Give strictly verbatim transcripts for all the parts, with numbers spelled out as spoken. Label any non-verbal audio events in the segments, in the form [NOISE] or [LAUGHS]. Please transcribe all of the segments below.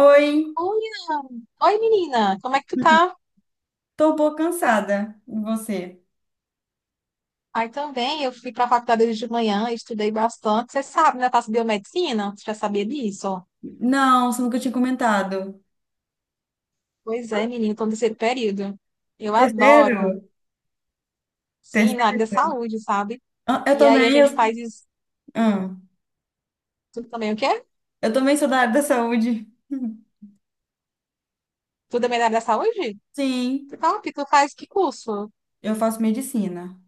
Oi, Olha! Oi, menina, como é que tu tá? tô um pouco cansada. E você? Aí também, eu fui pra faculdade hoje de manhã, estudei bastante. Você sabe, né? Eu faço biomedicina, você já sabia disso? Não, você nunca tinha comentado. Pois é, menina, tô no terceiro período. Eu adoro, Terceiro? sim, na área da Terceiro? saúde, sabe? Ah, Eu E aí a também, gente eu, faz isso ah, tu também, o quê? eu também sou da área da saúde. Tu também é da área da saúde? Sim, Que top, tu faz que curso? eu faço medicina.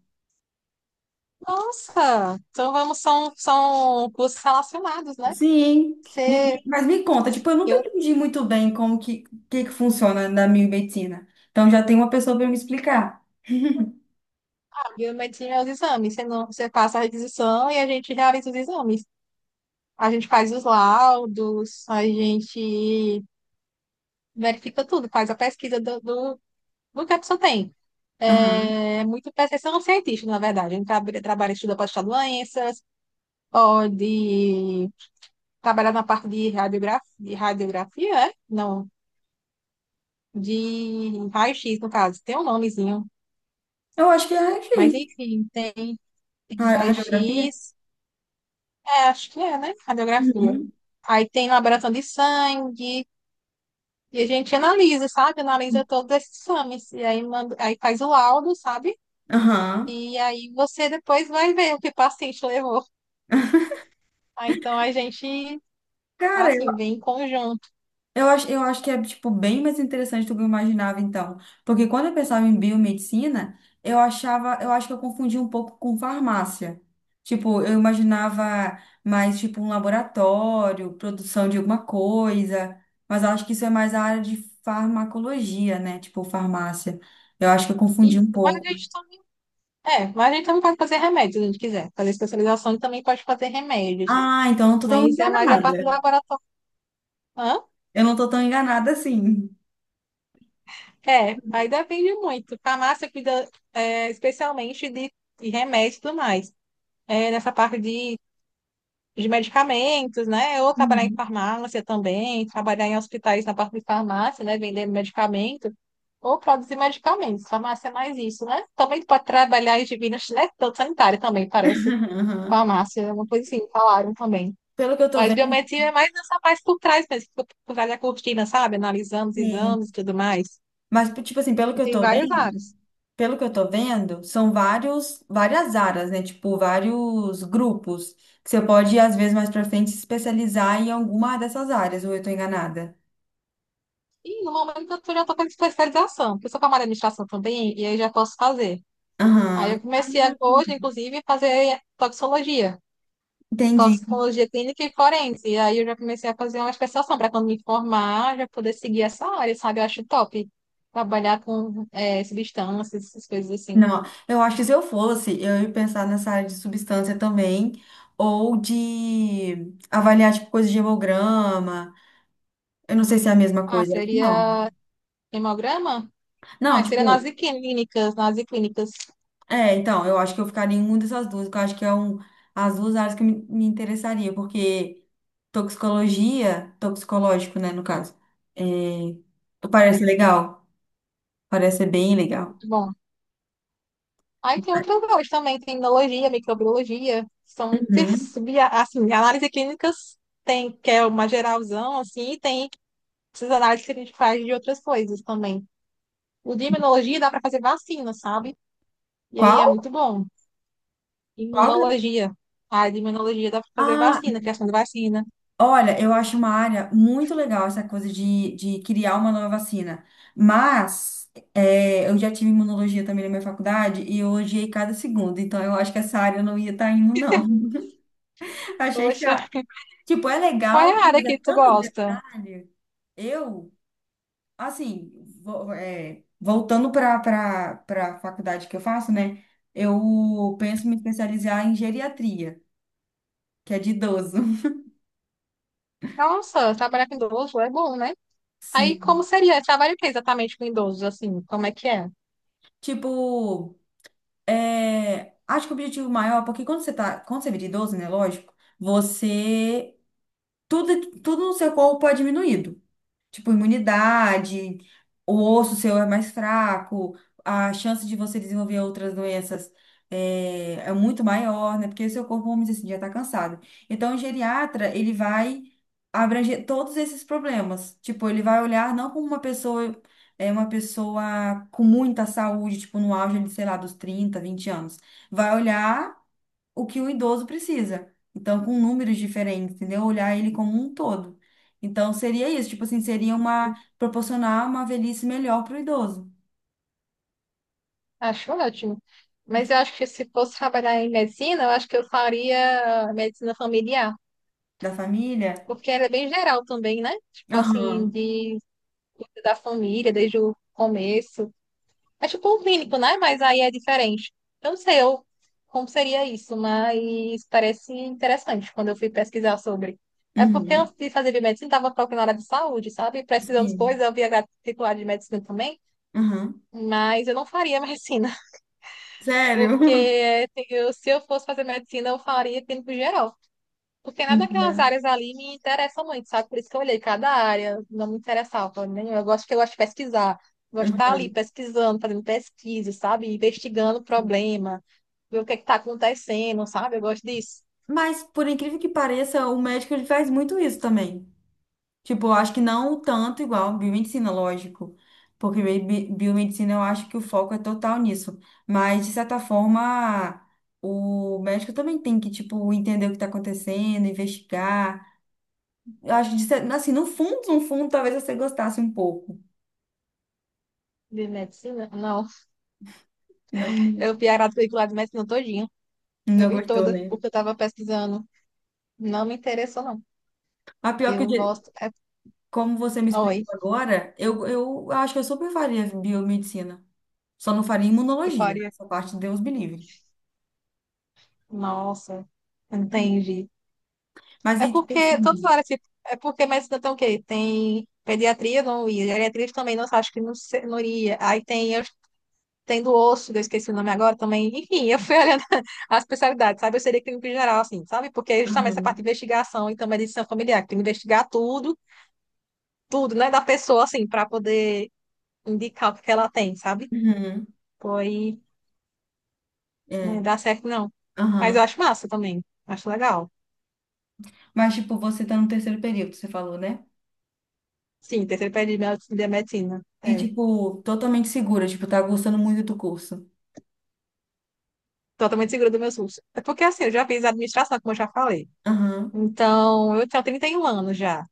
Nossa, então vamos, são, são cursos relacionados, né? Sim, Me- Você, mas me conta, tipo, eu nunca eu, entendi muito bem como que, que, que funciona na minha medicina. Então já tem uma pessoa para me explicar. biomedicina é os exames, você, não, você passa a requisição e a gente realiza os exames. A gente faz os laudos, a gente verifica tudo, faz a pesquisa do, do, do que a pessoa tem. É Aham. é muito percepção científica, na verdade. A gente trabalha, trabalha estuda para estudar doenças, pode trabalhar na parte de radiografia, de radiografia, é? Não, de raio-x, no caso. Tem um nomezinho. Eu acho que é Mas, raio-x. enfim, tem, tem Ra- Radiografia? raio-x, é, acho que é, né? Radiografia. Uhum. Aí tem laboração de sangue, e a gente analisa, sabe? Analisa todos esses exames. E aí, manda, aí faz o laudo, sabe? Aham. E aí você depois vai ver o que o paciente levou. [LAUGHS] Ah, então a gente, assim, Cara, vem em conjunto. Eu acho, eu acho que é, tipo, bem mais interessante do que eu imaginava, então. Porque quando eu pensava em biomedicina, eu achava, eu acho que eu confundia um pouco com farmácia. Tipo, eu imaginava mais, tipo, um laboratório, produção de alguma coisa. Mas eu acho que isso é mais a área de farmacologia, né? Tipo, farmácia. Eu acho que eu confundi E, um mas a pouco. gente também, é, mas a gente também pode fazer remédios, se a gente quiser. Fazer especialização e também pode fazer remédios. Ah, então eu não tô tão Mas é mais a parte enganada. do laboratório. Hã? Eu não tô tão enganada assim. É, aí depende muito. Farmácia cuida, é, especialmente de, de remédios e tudo mais. É, nessa parte de de medicamentos, né? Ou trabalhar em Uhum. farmácia também, trabalhar em hospitais na parte de farmácia, né? Vendendo medicamento, ou produzir medicamentos. Farmácia é mais isso, né? Também tu pode trabalhar em divinas, né? Tanto sanitária também, parece. [LAUGHS] Farmácia, é uma coisa assim, falaram também. Pelo que eu tô Mas vendo, biometria é mais nessa parte por trás mesmo, por por trás da cortina, sabe? Analisando os sim. exames e tudo mais. Mas, tipo tipo assim, pelo que E eu tem tô várias vendo, áreas. pelo que eu tô vendo, são vários, várias áreas, né? Tipo, vários grupos que você pode, às vezes, mais pra frente, se especializar em alguma dessas áreas, ou eu tô enganada? E no momento eu já estou com especialização, porque eu sou camarada de administração também, e aí já posso fazer. Aí Aham, eu comecei a- hoje, inclusive, a fazer toxicologia, entendi. toxicologia clínica e forense. E aí eu já comecei a fazer uma especialização para quando me formar, já poder seguir essa área, sabe? Eu acho top trabalhar com eh, substâncias, essas coisas assim. Não, eu acho que se eu fosse, eu ia pensar nessa área de substância também, ou de avaliar, tipo, coisa de hemograma. Eu não sei se é a mesma Ah, coisa, acho que não. seria hemograma? Não, Ah, seria nas tipo, clínicas, nas clínicas. é, então, eu acho que eu ficaria em uma dessas duas, que eu acho que é um, as duas áreas que me, me interessaria, porque toxicologia, toxicológico, né, no caso, é, parece É, legal, parece ser bem legal. muito bom. Aí tem outras áreas também, tem imunologia, microbiologia, são muitas, Uhum. sub- assim, análise clínicas tem, que é uma geralzão, assim, e tem essas análises que a gente faz de outras coisas também. O de imunologia dá para fazer vacina, sabe? E aí é Qual? muito bom. Qual? Que- é? Imunologia. A área de imunologia dá para fazer Ah, vacina, criação de vacina. olha, eu acho uma área muito legal essa coisa de, de criar uma nova vacina, mas é, eu já tive imunologia também na minha faculdade e eu odiei cada segundo, então eu acho que essa área eu não ia estar indo, não. [LAUGHS] Achei Poxa, chato. Tipo, é qual legal, é a área mas que é tu tanto gosta? detalhe. Eu, assim, vo- é, voltando para para a faculdade que eu faço, né? Eu penso me especializar em geriatria, que é de idoso. Nossa, trabalhar com idoso é bom, né? [LAUGHS] Aí como Sim. seria? Trabalha o que exatamente com idosos, assim? Como é que é? Tipo, é, acho que o objetivo maior, porque quando você tá, quando você vira idoso, né? Lógico, você. Tudo, tudo no seu corpo é diminuído. Tipo, imunidade, o osso seu é mais fraco, a chance de você desenvolver outras doenças é, é muito maior, né? Porque o seu corpo, vamos dizer assim, já está cansado. Então, o geriatra, ele vai abranger todos esses problemas. Tipo, ele vai olhar não como uma pessoa, é uma pessoa com muita saúde, tipo, no auge, de, sei lá, dos trinta, vinte anos. Vai olhar o que o idoso precisa. Então, com números diferentes, entendeu? Olhar ele como um todo. Então, seria isso, tipo assim, seria uma proporcionar uma velhice melhor para o idoso Acho ótimo. Mas eu acho que se fosse trabalhar em medicina, eu acho que eu faria medicina familiar, da família. porque ela é bem geral também, né? Tipo assim, Aham. de cuida da família desde o começo. É tipo um clínico, né? Mas aí é diferente. Eu não sei eu, como seria isso, mas parece interessante quando eu fui pesquisar sobre. É porque Uhum. antes de fazer biomedicina, estava procurando área de saúde, sabe? Pesquisando as coisas, Sim. eu via grade titular de medicina também, Aham. mas eu não faria medicina, [LAUGHS] Sério? [LAUGHS] porque assim, eu- se eu fosse fazer medicina, eu faria clínico geral. Porque nada daquelas Uhum. áreas ali me interessa muito, sabe? Por isso que eu olhei cada área, não me interessava, né? Eu gosto que eu gosto de pesquisar, gosto de estar ali Uhum. pesquisando, fazendo pesquisa, sabe? Investigando o problema, ver o que está acontecendo, sabe? Eu gosto disso. Mas, por incrível que pareça, o médico ele faz muito isso também. Tipo, eu acho que não tanto igual biomedicina, lógico. Porque bi- bi- biomedicina eu acho que o foco é total nisso. Mas, de certa forma, o médico também tem que, tipo, entender o que está acontecendo, investigar. Eu acho que, de cer- assim, no fundo, no fundo, talvez você gostasse um pouco. De medicina? Não. Não, Eu vi a quadrícula de medicina todinha. Eu não vi gostou, toda, né? porque eu estava pesquisando. Não me interessou, não. A pior que, o Eu jeito- gosto. É... como você me explicou Oi, agora, eu, eu acho que eu super faria biomedicina. Só não faria eu imunologia. faria. Essa parte, Deus me livre. Nossa, entendi. Mas É aí, tipo porque todas as assim. áreas, tipo, é porque medicina tem o quê? Tem pediatria, não ia. Geriatria também, não acho que não, se- não iria. Aí tem, eu, tem do osso, que eu esqueci o nome agora também. Enfim, eu fui [LAUGHS] olhando as especialidades, sabe? Eu seria clínico em geral, assim, sabe? Porque é justamente essa parte Aham. de investigação e também de medicina familiar, que tem que investigar tudo, tudo, né, da pessoa, assim, para poder indicar o que que ela tem, sabe? Uhum. Pois não É, dá certo, não. Mas eu aham. acho massa também. Acho legal. Mas, tipo, você tá no terceiro período, você falou, né? Sim, terceiro período de med- de medicina. E, É. tipo, totalmente segura, tipo, tá gostando muito do curso. Totalmente segura dos meus custos. É porque assim, eu já fiz administração, como eu já falei. Aham. Então, eu tenho trinta e um anos já.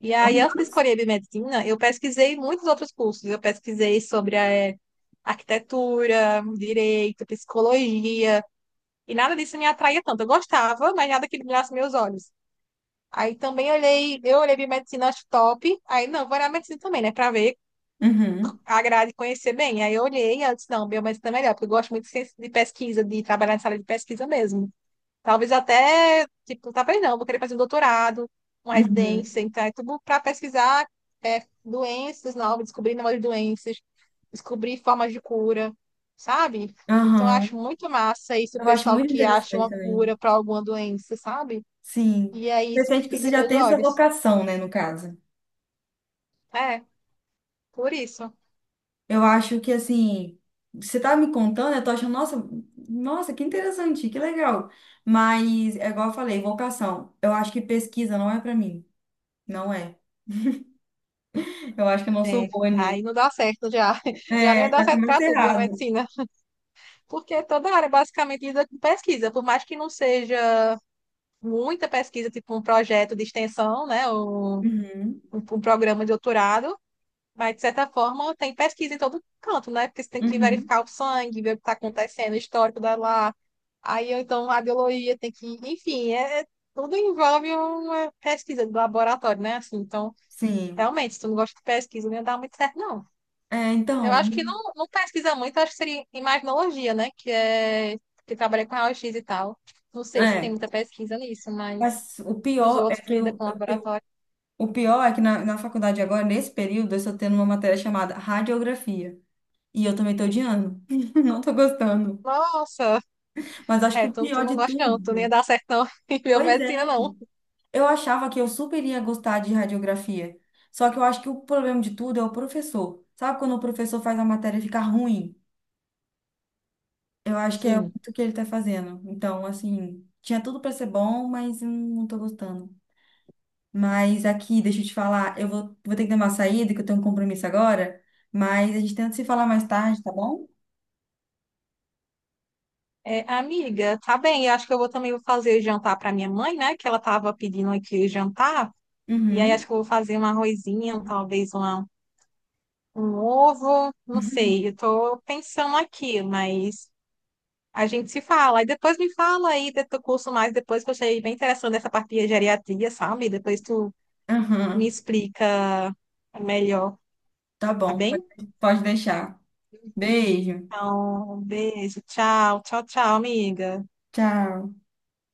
E aí, antes de Honras? escolher a biomedicina, eu pesquisei muitos outros cursos. Eu pesquisei sobre eh, arquitetura, direito, psicologia, e nada disso me atraía tanto. Eu gostava, mas nada que brilhasse meus olhos. Aí também olhei, eu olhei biomedicina, acho top. Aí, não, vou olhar medicina também, né, para ver Uhum. a grade e conhecer bem. Aí eu olhei e eu disse, não, biomedicina é melhor, porque eu gosto muito de ciência- de pesquisa, de trabalhar na sala de pesquisa mesmo. Talvez até, tipo, talvez não, vou querer fazer um doutorado, uma residência, Uhum. então é tudo para pesquisar é, doenças novas, descobrir novas doenças, descobrir formas de cura, sabe? Então eu Aham. acho muito massa isso, o Eu acho pessoal muito que acha interessante uma também. cura para alguma doença, sabe? Sim. E é Você isso sente que que você brilha já meus tem essa olhos. vocação, né, no caso. É, por isso. Eu acho que, assim, você tá me contando, eu tô achando, nossa, nossa, que interessante, que legal. Mas, é igual eu falei, vocação. Eu acho que pesquisa não é pra mim. Não é. Eu acho que eu não sou boa nisso. Aí não dá certo já. [LAUGHS] Já não ia É, dar já certo começa para tudo, errado. biomedicina. Porque toda área basicamente lida com pesquisa, por mais que não seja muita pesquisa, tipo um projeto de extensão, né? Um, um, Uhum, um programa de doutorado, mas de certa forma tem pesquisa em todo canto, né? Porque você tem que uhum, verificar o sangue, ver o que está acontecendo, o histórico da lá. Aí ou então a biologia tem que, enfim, é, é, tudo envolve uma pesquisa de laboratório, né? Assim, então, sim. realmente, se tu não gosta de pesquisa, não ia dar muito certo, não. É, Eu então, acho que não, não pesquisa muito, acho que seria imaginologia, né? Que é que trabalha com raio-x e tal. Não sei se tem é. muita pesquisa nisso, mas Mas o os pior é outros que que lidam eu, com eu- que eu- laboratório. o pior é que na, na faculdade agora, nesse período, eu estou tendo uma matéria chamada radiografia. E eu também estou odiando. [LAUGHS] Não estou gostando. Nossa, Mas acho que é, o tu, tu pior não de gosta não, tu nem ia tudo. dar certo não [LAUGHS] em Pois biomedicina é. não. Eu achava que eu super ia gostar de radiografia. Só que eu acho que o problema de tudo é o professor. Sabe quando o professor faz a matéria ficar ruim? Eu acho que é Sim. muito o que ele tá fazendo. Então, assim, tinha tudo pra ser bom, mas eu não tô gostando. Mas aqui, deixa eu te falar, eu vou, vou ter que dar uma saída, que eu tenho um compromisso agora, mas a gente tenta se falar mais tarde, tá bom? É, amiga, tá bem, eu acho que eu vou também vou fazer jantar para minha mãe, né, que ela tava pedindo aqui jantar, e aí acho Uhum. que eu vou fazer um arrozinho, talvez uma, um ovo, não sei, eu [LAUGHS] tô pensando aqui, mas a gente se fala, e depois me fala aí do teu curso mais, depois que eu achei bem interessante essa parte de geriatria, sabe, depois tu me Uhum. explica melhor, Tá tá bom, bem? pode, pode deixar. Beijo. Então, um beijo. Tchau, tchau, tchau, amiga. Tchau.